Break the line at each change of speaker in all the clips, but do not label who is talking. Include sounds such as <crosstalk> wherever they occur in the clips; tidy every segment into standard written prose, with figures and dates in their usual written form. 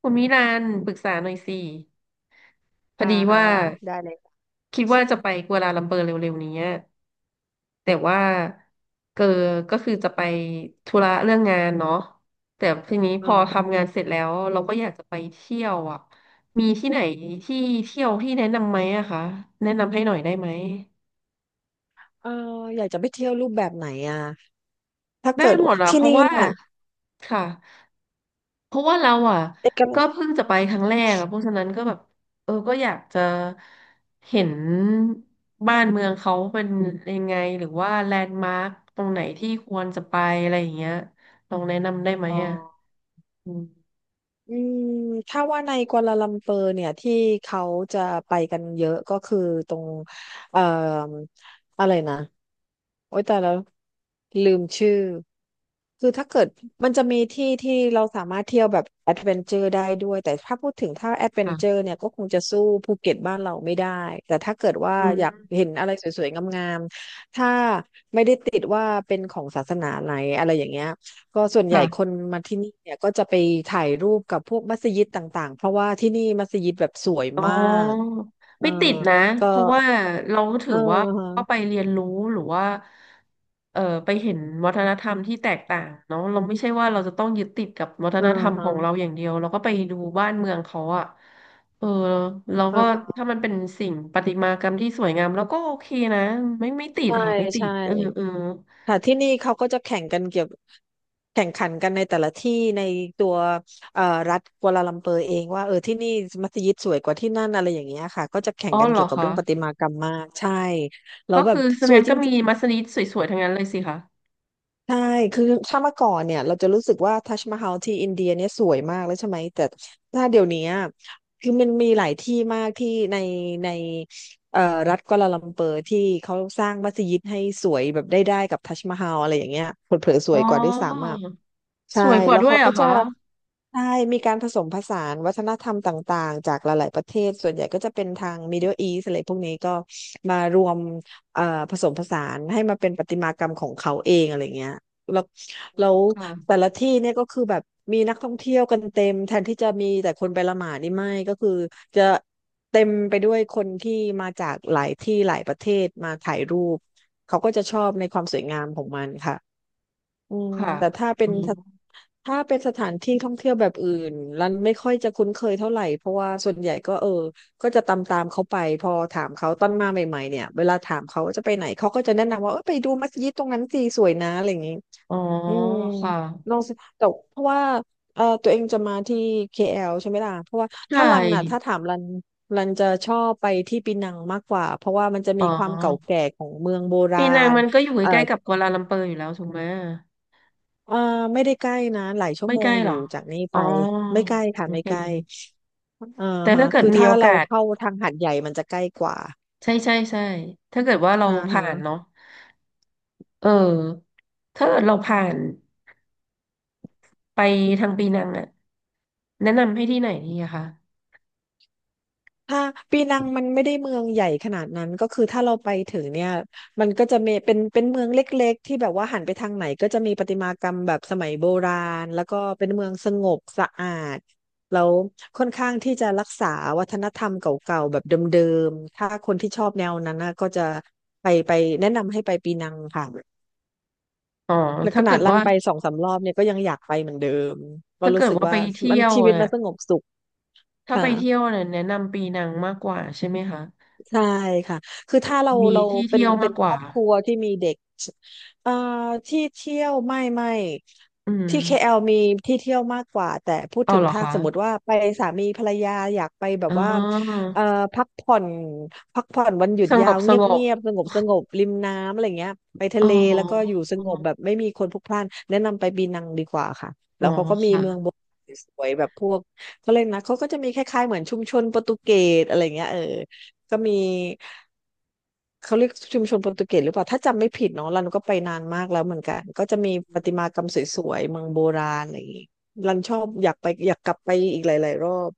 คุณมิลานปรึกษาหน่อยสิพอ
อ่า
ดี
ฮะ
ว่า
ได้เลย
คิดว่าจะไปกัวลาลัมเปอร์เร็วๆนี้แต่ว่าเกอก็คือจะไปธุระเรื่องงานเนาะแต่ทีนี้พ
อ่
อทำงาน
า
เสร็จแล้วเราก็อยากจะไปเที่ยวอ่ะมีที่ไหนที่เที่ยวที่แนะนำไหมอะคะแนะนำให้หน่อยได้ไหม
เอออยากจะไปเที่ยวรูปแบบไหนอ่ะถ้า
ได้
เกิด
หมด
ว่า
ละ
ที่
เพราะ
นี่
ว่า
เนี่ย
ค่ะ เพราะว่าเราอ่ะ
เอกั
ก็เพิ่งจะไปครั้งแรกอ่ะเพราะฉะนั้นก็แบบเออก็อยากจะเห็นบ้านเมืองเขาเป็นยังไงหรือว่าแลนด์มาร์คตรงไหนที่ควรจะไปอะไรอย่างเงี้ยลองแนะนำได้ไหม
อ๋อ
อ่ะอืม
อืมถ้าว่าในกัวลาลัมเปอร์เนี่ยที่เขาจะไปกันเยอะก็คือตรงเอ่ออะไรนะโอ๊ยแต่แล้วลืมชื่อคือถ้าเกิดมันจะมีที่ที่เราสามารถเที่ยวแบบแอดเวนเจอร์ได้ด้วยแต่ถ้าพูดถึงถ้าแอดเวนเจอ
ค่ะ
ร์เนี่ยก็คงจะสู้ภูเก็ตบ้านเราไม่ได้แต่ถ้าเกิดว่า
อื
อ
ม
ยากเห็นอะไรสวยๆงามๆถ้าไม่ได้ติดว่าเป็นของศาสนาไหนอะไรอย่างเงี้ย ก็ส่วนใหญ่ค
ค่ะ
นมาที่นี่เนี่ยก็จะไปถ่ายรูปกับพวกมัสยิดต่างๆเพราะว่าที่นี่มัสยิดแบบสวย
อ๋อ
มากเออ
ไม่ติดนะ
ก็
เพราะว่าเราถื
เอ
อ
อ
ว่าก็ไป
ฮะ
เรียนรู้หรือว่าไปเห็นวัฒนธรรมที่แตกต่างเนาะเราไม่ใช่ว่าเราจะต้องยึดติดกับวัฒ
เอ
น
อ
ธรรมของเรา
ฮะ
อย่างเดียวเราก็ไปดูบ้านเมืองเขาอะเออเรา
เอ
ก็
อฮะ
ถ้ามันเป็นสิ่งประติมากรรมที่สวยงามเราก็โอเคนะไม่ติด
ใช่
ค่ะไม่ติ
ใช่
ดเออเออ
ค่ะที่นี่เขาก็จะแข่งกันเกี่ยวแข่งขันกันในแต่ละที่ในตัวเอ่อรัฐกัวลาลัมเปอร์เองว่าเออที่นี่มัสยิดสวยกว่าที่นั่นอะไรอย่างเงี้ยค่ะก็จะแข่
อ๋
ง
อ
กัน
เหร
เกี่
อ
ยวกับ
คะ
เรื่องประติมากรรมมากใช่แล้ว
ก็
แบบ
คือส
ส
แน
วย
น
จ
ก็มี
ริงๆ
มัสยิดสวยๆทั้งนั้นเลยสิคะ
ใช่คือถ้าเมื่อก่อนเนี่ยเราจะรู้สึกว่าทัชมาฮาลที่อินเดียเนี่ยสวยมากแล้วใช่ไหม แต่ถ้าเดี๋ยวนี้อะคือมันมีหลายที่มากที่ในในเอ่อรัฐกัวลาลัมเปอร์ที่เขาสร้างมัสยิดให้สวยแบบได้กับทัชมาฮาลอะไรอย่างเงี้ยเผลอๆส
อ๋
ว
อ
ยกว่าด้วยซ้ำอ่ะ
ส
ใช่
วยกว่า
แล้ว
ด้วย
เขา
เหร
ก็
อ
จะ
คะ
ใช่มีการผสมผสานวัฒนธรรมต่างๆจากหลายๆประเทศส่วนใหญ่ก็จะเป็นทาง Middle East อะไรพวกนี้ก็มารวมเอ่อผสมผสานให้มาเป็นประติมากรรมของเขาเองอะไรเงี้ยแล้วแล้วแต่
ค่ะ
ละที่เนี่ยก็คือแบบมีนักท่องเที่ยวกันเต็มแทนที่จะมีแต่คนไปละหมาดนี่ไม่ก็คือจะเต็มไปด้วยคนที่มาจากหลายที่หลายประเทศมาถ่ายรูปเขาก็จะชอบในความสวยงามของมันค่ะ อืม
ค่ะ
แต่ถ้าเป็
อื
น
ม
ถ้าเป็นสถานที่ท่องเที่ยวแบบอื่นรันไม่ค่อยจะคุ้นเคยเท่าไหร่เพราะว่าส่วนใหญ่ก็เออก็จะตามเขาไปพอถามเขาตอนมาใหม่ๆเนี่ยเวลาถามเขาว่าจะไปไหนเขาก็จะแนะนำว่าเออไปดูมัสยิดตรงนั้นสิสวยนะอะไรอย่างนี้
อ๋อ
อืม
ค่ะ
ลองสิแต่เพราะว่าเออตัวเองจะมาที่ KL ใช่ไหมล่ะเพราะว่าถ้า
ใช่
รันน่ะถ้าถามรันรันจะชอบไปที่ปีนังมากกว่าเพราะว่ามันจะ
อ๋
มีความเก่า
อ
แก่ของเมืองโบรา
ปีนัง
ณ
มันก็อยู่
เอ่อ
ใกล้ๆกับกัวลาลัมเปอร์อยู่แล้วถูกไหม
เอ่อไม่ได้ใกล้นะหลายชั่ว
ไม่
โม
ใกล้
งอ
หร
ยู่
อ
จากนี้
อ๋
ไป
อ
ไม่ใกล้ค่ะ
โอ
ไม่
เ
ใกล้
ค
เอ่า
แต่
ฮะ
ถ้าเกิด
คือ
มี
ถ้า
โอ
เรา
กาส
เข้าทางหาดใหญ่มันจะใกล้กว่า
ใช่ใช่ใช่ถ้าเกิดว่าเรา
อ่าฮะ
ผ่านเนาะเออถ้าเกิดเราผ่านไปทางปีนังอะแนะนำให้ที่ไหนดีอะคะ
ถ้าปีนังมันไม่ได้เมืองใหญ่ขนาดนั้นก็คือถ้าเราไปถึงเนี่ยมันก็จะมีเป็นเมืองเล็กๆที่แบบว่าหันไปทางไหนก็จะมีประติมากรรมแบบสมัยโบราณแล้วก็เป็นเมืองสงบสะอาดแล้วค่อนข้างที่จะรักษาวัฒนธรรมเก่าๆแบบเดิมๆถ้าคนที่ชอบแนวนั้นนะก็จะไปแนะนำให้ไปปีนังค่ะ
อ๋อ
และข
ถ้าเกิ
นาด
ด
ลั
ว่า
นไปสองสามรอบเนี่ยก็ยังอยากไปเหมือนเดิมก็
ถ้า
รู้
เกิด
สึก
ว่าไป
ว่า
เที่
มัน
ยว
ชีวิตมัน
น่ะ
สงบสุข
ถ้าไป
ค่ะ
เที่ยวน่ะแนะนำปีนังมากกว่าใช่ไหมคะ
ใช่ค่ะ คือถ้า
มี
เรา
ที่
เป็น
เที่ยวมากก
คร
ว่า
อบครัวที่มีเด็กเอ่อที่เที่ยวไม่
อืม
ที่ KL มีที่เที่ยวมากกว่าแต่พูด
เอา
ถึง
เหรอ
ถ้า
คะ
สมมติว่าไปสามีภรรยาอยากไปแบ
อ๋
บ
อ
ว่าเอ่อพักผ่อนพักผ่อนวันหยุด
สง
ยา
บ
ว
ส
เงีย
ง
บ
บ
เงียบสงบสงบริมน้ำอะไรเงี้ยไปทะ
อ๋อ
เลแล้วก็อยู่สงบแบบไม่มีคนพลุกพล่านแนะนำไปปีนังดีกว่าค่ะ
อ๋
แล้
อ
วเขาก็มี
ค่ะ
เมืองโบราณสวยๆแบบพวกเขาเลยกนะเขาก็จะมีคล้ายๆเหมือนชุมชนโปรตุเกสอะไรเงี้ยเออ ก็มีเขาเรียกชุมชนโปรตุเกสหรือเปล่าถ้าจำไม่ผิดเนาะรันก็ไปนานมากแล้วเหมือนกันก็จะมีประติมากรรมสวยๆเมืองโบราณอะไรอย่างงี้รันชอบอยากไปอยากกลับไปอีกหลายๆรอบ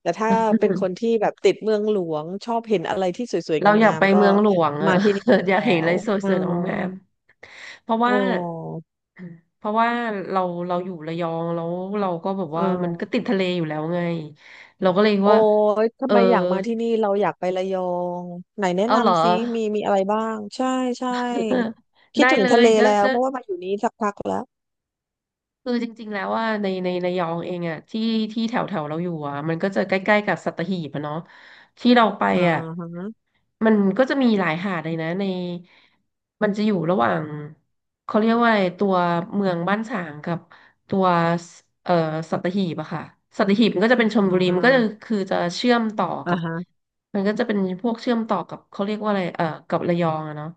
แต่ถ้าเป็นคน
<laughs>
ที่แบบติดเมืองหลวงชอบเห็นอะไรที่สวย
เราอ
ๆ
ยาก
งาม
ไป
ๆก็
เมืองหลวงอะ
มาที่นี่
<laughs> อยาก
แล้
เห็นอะไร
ว
ส
เออ
วยๆงามๆเพราะ
เอ
ว่า
อ
เพราะว่าเราเราอยู่ระยองแล้วเราก็แบบ
เออ
ว่ามันก็ติดทะเลอยู่แล้วไงเราก็เลย
โอ้
ว่า
ย
เอ
ทำ
อ
ไมอยากมาที่นี่เราอยากไประยองไหนแนะ
เอาเหรอ
นำซิมีมีอะไรบ้างใช่ใช่
<laughs>
คิ
ได้
ดถึง
เล
ทะ
ย
เล
ก็
แล้ว
ก็
เพราะว่ามาอยู่นี้สักพักแล้ว
คือจริงๆแล้วว่าในระยองเองอ่ะที่แถวแถวเราอยู่อ่ะมันก็จะใกล้ๆกับสัตหีบอะเนาะที่เราไป
อ่า
อ่ะ
ฮะ
มันก็จะมีหลายหาดเลยนะในมันจะอยู่ระหว่างเขาเรียกว่าอะไรตัวเมืองบ้านฉางกับ ตัวสเอ่อสัตหีบอะค่ะสัตหีบมันก็จะเป็นชล
อ่
บุรีมันก็จะ
า
คือจะเชื่อมต่อ
อ่า
กับ
ฮะ
มันก็จะเป็นพวกเชื่อมต่อกับเขาเรียกว่าอะไรเอ่อกับระยองอะเนาะ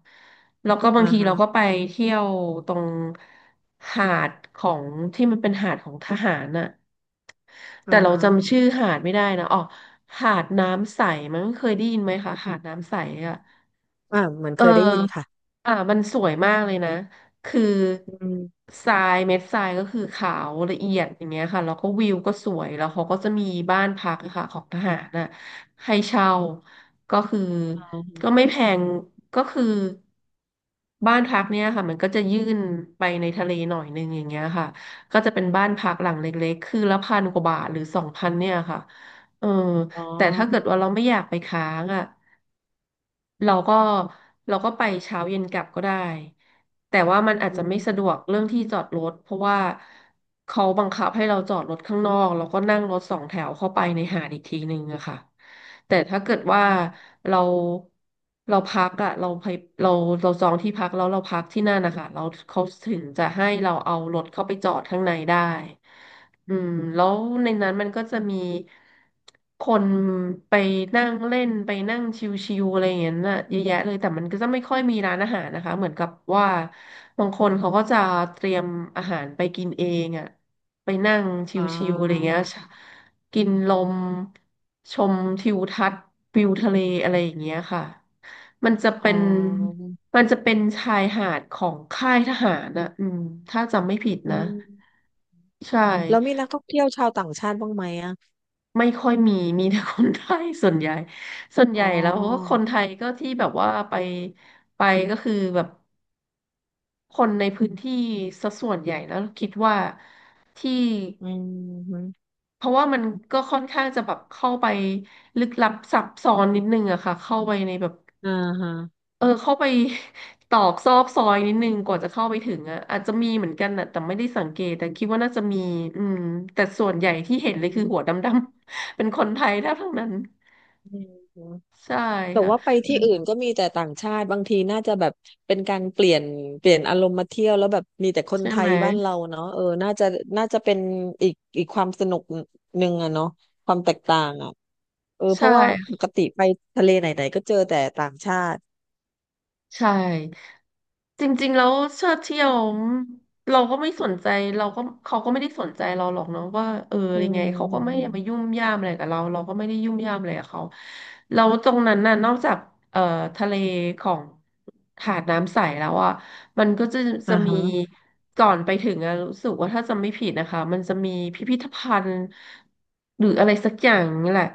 แล้วก็บาง
อ่า
ทีเราก็
ฮะ
ไปเที่ยวตรงหาดของที่มันเป็นหาดของทหารน่ะ
อ่า
แต่เรา
ฮะ
จำชื่อหาดไม่ได้นะอ๋อหาดน้ำใสมันเคยได้ยินไหมคะหาดน้ำใสอะ
อ่าเหมือน
เอ
เค
อ
ยได้ยินค่ะ
อ่ะมันสวยมากเลยนะ คือ
อืม
ทรายเม็ดทรายก็คือขาวละเอียดอย่างเงี้ยค่ะแล้วก็วิวก็สวยแล้วเขาก็จะมีบ้านพักอะค่ะของทหารน่ะให้เช่าก็คือ
อ
ก็ไม่แพงก็คือบ้านพักเนี่ยค่ะมันก็จะยื่นไปในทะเลหน่อยนึงอย่างเงี้ยค่ะก็จะเป็นบ้านพักหลังเล็กๆคือละพันกว่าบาทหรือสองพันเนี่ยค่ะเออ
๋อ
แต่ถ้าเกิดว่าเราไม่อยากไปค้างอ่ะ เราก็เราก็ไปเช้าเย็นกลับก็ได้แต่ว่ามันอาจ
อื
จะไม่สะด
ม
วกเรื่องที่จอดรถเพราะว่าเขาบังคับให้เราจอดรถข้างนอกแล้วก็นั่งรถสองแถวเข้าไปในหาดอีกทีนึงอะค่ะแต่ถ้าเกิด
อ
ว่า
ม
เราเราพักอะเราไปเราเราจองที่พักแล้วเราพักที่นั่นนะคะเราเขาถึงจะให้เราเอารถเข้าไปจอดข้างในได้ อืมแล้วในนั้นมันก็จะมีคนไปนั่งเล่นไปนั่งชิวๆอะไรอย่างเงี้ยน่ะเยอะแยะเลยแต่มันก็จะไม่ค่อยมีร้านอาหารนะคะเหมือนกับว่าบางคนเขาก็จะเตรียมอาหารไปกินเองอ่ะไปนั่ง
อ๋อ
ชิวๆอะไรเงี้ยกินลมชมทิวทัศน์วิวทะเลอะไรอย่างเงี้ยค่ะมันจะเป็
อ๋อ
นมันจะเป็นชายหาดของค่ายทหารนะอืมถ้าจำไม่ผิด
อื
นะ
ม
ใช่
แล้วมีนักท่องเที่ยวชาวต่างชาติบ้างไหมอ่ะ
ไม่ค่อยมี <laughs> มีแต่คนไทยส่วนใหญ่ส่วน
อ๋
ให
อ
ญ่แล้วก็คนไทยก็ที่แบบว่าไปไปก็คือแบบคนในพื้นที่สัดส่วนใหญ่แล้วคิดว่าที่
อืมฮึ
เพราะว่ามันก็ค่อนข้างจะแบบเข้าไปลึกลับซับซ้อนนิดนึงอะค่ะเข้าไปในแบบ
อ่าฮะ
เออเข้าไป <laughs> ตอกซอกซอยนิดนึงกว่าจะเข้าไปถึงอะอาจจะมีเหมือนกันนะแต่ไม่ได้สังเกตแต่คิดว่าน่าจะมีอืมแต่ส่วนใหญ่ที่เห็นเลยคือหัวดำๆ <laughs> เป็นคนไทยแทบทั้งนั้น
อืม
ใช่
แต่
ค่ะ
ว่าไปที่อื่นก็มีแต่ต่างชาติบางทีน่าจะแบบเป็นการเปลี่ยนอารมณ์มาเที่ยวแล้วแบบมีแต่คน
ใช่
ไท
ไหม
ยบ้านเราเนาะเออน่าจะน่าจะเป็นอีกอีกความสนุกหนึ่งอะเนาะความแตกต่างอะเออเพ
ใช่
ราะว่าปกติไปทะเลไหนๆก็เจอแต่ต่างชาติ
ใช่จริงๆแล้วเชิดเที่ยวเราก็ไม่สนใจเราก็เขาก็ไม่ได้สนใจเราหรอกเนาะว่าเออ
อื
ยัง
ม
ไง
อ
เขา
ม
ก็ไม่ได้
อืม
มายุ่มย่ามอะไรกับเราเราก็ไม่ได้ยุ่มย่ามอะไรกับเขาแล้วตรงนั้นน่ะนอกจากเอ่อทะเลของหาดน้ำใสแล้วอ่ะมันก็จะจะ
อ่า
มี
ฮะ
ก่อนไปถึงอะรู้สึกว่าถ้าจำไม่ผิดนะคะมันจะมีพิพิธภัณฑ์หรืออะไรสักอย่างนี่แหละ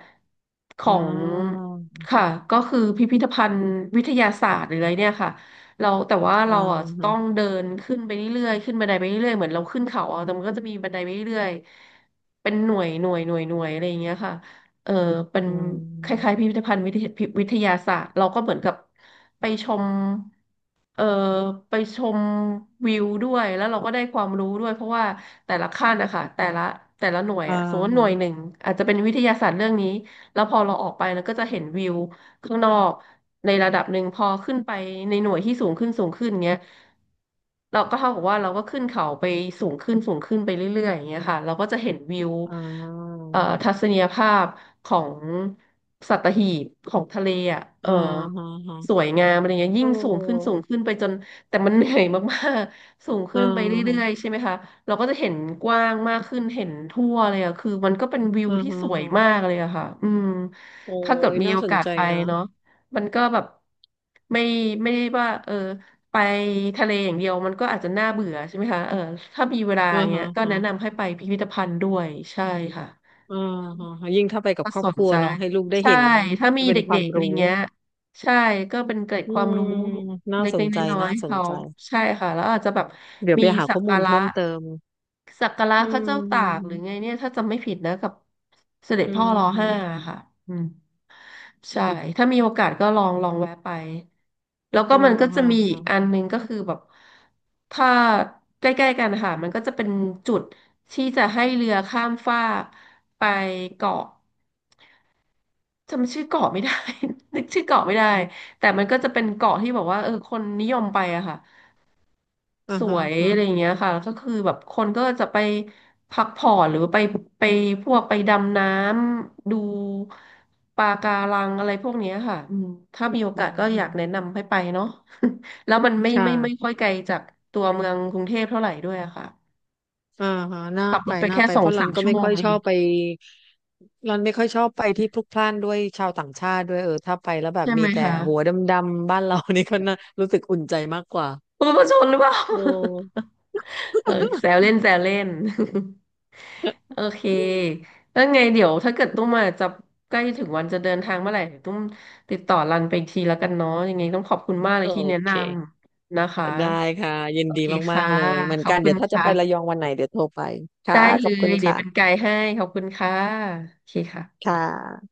ขอ
อ่
ง
า
ค่ะก็คือพิพิธภัณฑ์วิทยาศาสตร์หรืออะไรเนี่ยค่ะเราแต่ว่า
อ่า
เราอ่ะต้
ฮะ
องเดินขึ้นไปเรื่อยๆขึ้นบันไดไปเรื่อยๆเหมือนเราขึ้นเขาอ่ะแต่มันก็จะมีบันไดไปเรื่อยๆเป็นหน่วยอะไรอย่างเงี้ยค่ะเออเป็น
อื
คล้ายๆ
ม
พิพิธภัณฑ์วิทยาศาสตร์เราก็เหมือนกับไปชมเออไปชมวิวด้วยแล้วเราก็ได้ความรู้ด้วยเพราะว่าแต่ละขั้นนะคะแต่ละหน่วย
อ่า
อ่ะสมมติหน่วยห
ฮะ
นึ่งอาจจะเป็นวิทยาศาสตร์เรื่องนี้ แล้วพอเราออกไปเราก็จะเห็นวิวข้างนอกในระดับหนึ่งพอขึ้นไปในหน่วยที่สูงขึ้นสูงขึ้นเงี้ยเราก็เท่ากับว่าเราก็ขึ้นเขาไปสูงขึ้นสูงขึ้นไปเรื่อยๆอย่างเงี้ยค่ะเราก็จะเห็นวิว
อ่า
ทัศนียภาพของสัตหีบของทะเลอ่ะเออ
อ่าฮะ
ส
ฮะ
วยงามอะไรเงี้ย
เอ
ยิ่งสูงขึ้นสู
อ
งขึ้นไปจนแต่มันเหนื่อยมากๆสูงขึ้
อ่า
นไป
ฮะ
เรื่อยๆใช่ไหมคะ เราก็จะเห็นกว้างมากขึ้นเห็นทั่วเลยอะคือมันก็เป็นวิว
อ่า
ที่
ฮะ
สวย
ฮะ
มากเลยอะค่ะอืม
โอ้
ถ้าเกิด
ย
มี
น่า
โอ
สน
กาส
ใจ
ไป
นะ
เนาะมันก็แบบไม่ไม่ได้ว่าเออไปทะเลอย่างเดียวมันก็อาจจะน่าเบื่อใช่ไหมคะเออถ้ามีเวลา
อ่า
เงี้
ฮะ
ยก็
ฮะ
แนะนำให้ไปพิพิธภัณฑ์ด้วยใช่ค่ะ
อ่าฮะฮะยิ่งถ้าไปกับ
ถ้า
ครอ
ส
บค
น
รัว
ใจ
เนาะให้ลูกได้
ใช่
เห็น
ถ้ามี
เป็นควา
เด็
ม
กๆอะไร
รู้
เงี้ยใช่ก็เป็นเกร็ด
อื
ความ
ม
รู้
น่าส
เล็
น
กๆ
ใจ
น้อย
น่า
ๆให้
สน
เขา
ใจ
ใช่ค่ะแล้วอาจจะแบบ
เดี๋ยว
มี
ไปหา
สัก
ข้อมู
กา
ล
ระ
เพิ่มเติมอื
พระ
ม
เจ้า
อื
ตากหรือไง
ม
เนี่ยถ้าจำไม่ผิดนะกับเสด็จ
อืม
พ่อรอ
อื
ห้า
ม
ค่ะอืมใช่ถ้ามีโอกาสก็ลองแวะไปแล้วก็
อ่า
มันก็จะ
ฮะ
มีอี
ฮะ
กอันหนึงก็คือแบบถ้าใกล้ๆกันนะค่ะมันก็จะเป็นจุดที่จะให้เรือข้ามฟากไปเกาะจำชื่อเกาะไม่ได้ <laughs> นึกชื่อเกาะไม่ได้แต่มันก็จะเป็นเกาะที่บอกว่าเออคนนิยมไปอะค่ะ
อ่า
ส
ฮะ
วย
ฮะ
อะไรอย่างเงี้ยค่ะแล้วก็คือแบบคนก็จะไปพักผ่อนหรือไปพวกไปดำน้ำดูปะการังอะไรพวกเนี้ยค่ะอืมถ้ามีโอกา
อื
ส
ม
ก็
อื
อยา
ม
กแนะนำให้ไปเนาะ <laughs> แล้วมันไม่
ค่ะ
ค่อยไกลจากตัวเมืองกรุงเทพเท่าไหร่ด้วยอะค่ะ
อ่าฮะน่า
ขับร
ไป
ถไป
น่า
แค่
ไป
ส
เพ
อง
ราะรั
สา
น
ม
ก็
ชั่ว
ไม่
โม
ค่
ง
อย
เอ
ชอ
ง
บไปรันไม่ค่อยชอบไปที่พลุกพล่านด้วยชาวต่างชาติด้วยเออถ้าไปแล้วแบบ
ใช่
มี
ไหม
แต่
คะ
หัวดำๆบ้านเรา <laughs> นี่ก็น่ารู้สึกอุ่นใจมากกว่า
คุณผู้ชมหรือเปล่า
โอ้
<laughs> เออแซวเล่น <laughs> โอเคแล้วไงเดี๋ยวถ้าเกิดตุ้มมาจะใกล้ถึงวันจะเดินทางเมื่อไหร่เดี๋ยวตุ้มติดต่อรันไปอีกทีแล้วกันเนาะยังไงต้องขอบคุณมากเลย
โอ
ที่แนะน
เค
ำนะคะ
ได้ค่ะยิน
โอ
ดี
เค
มา
ค่ะ
กๆเลยเหมือ
ข
น
อบ
กัน
คุ
เดี๋
ณ
ยวถ้าจะไประยอ
ค่ะ
งวันไหนเดี๋ยวโทรไปค่ะ
ได้
ข
เล
อบคุ
ย
ณ
เดี๋ยวเป็นไก
ค่ะ
ด์ให้ขอบคุณค่ะโอเคค่ะ
ค่ะ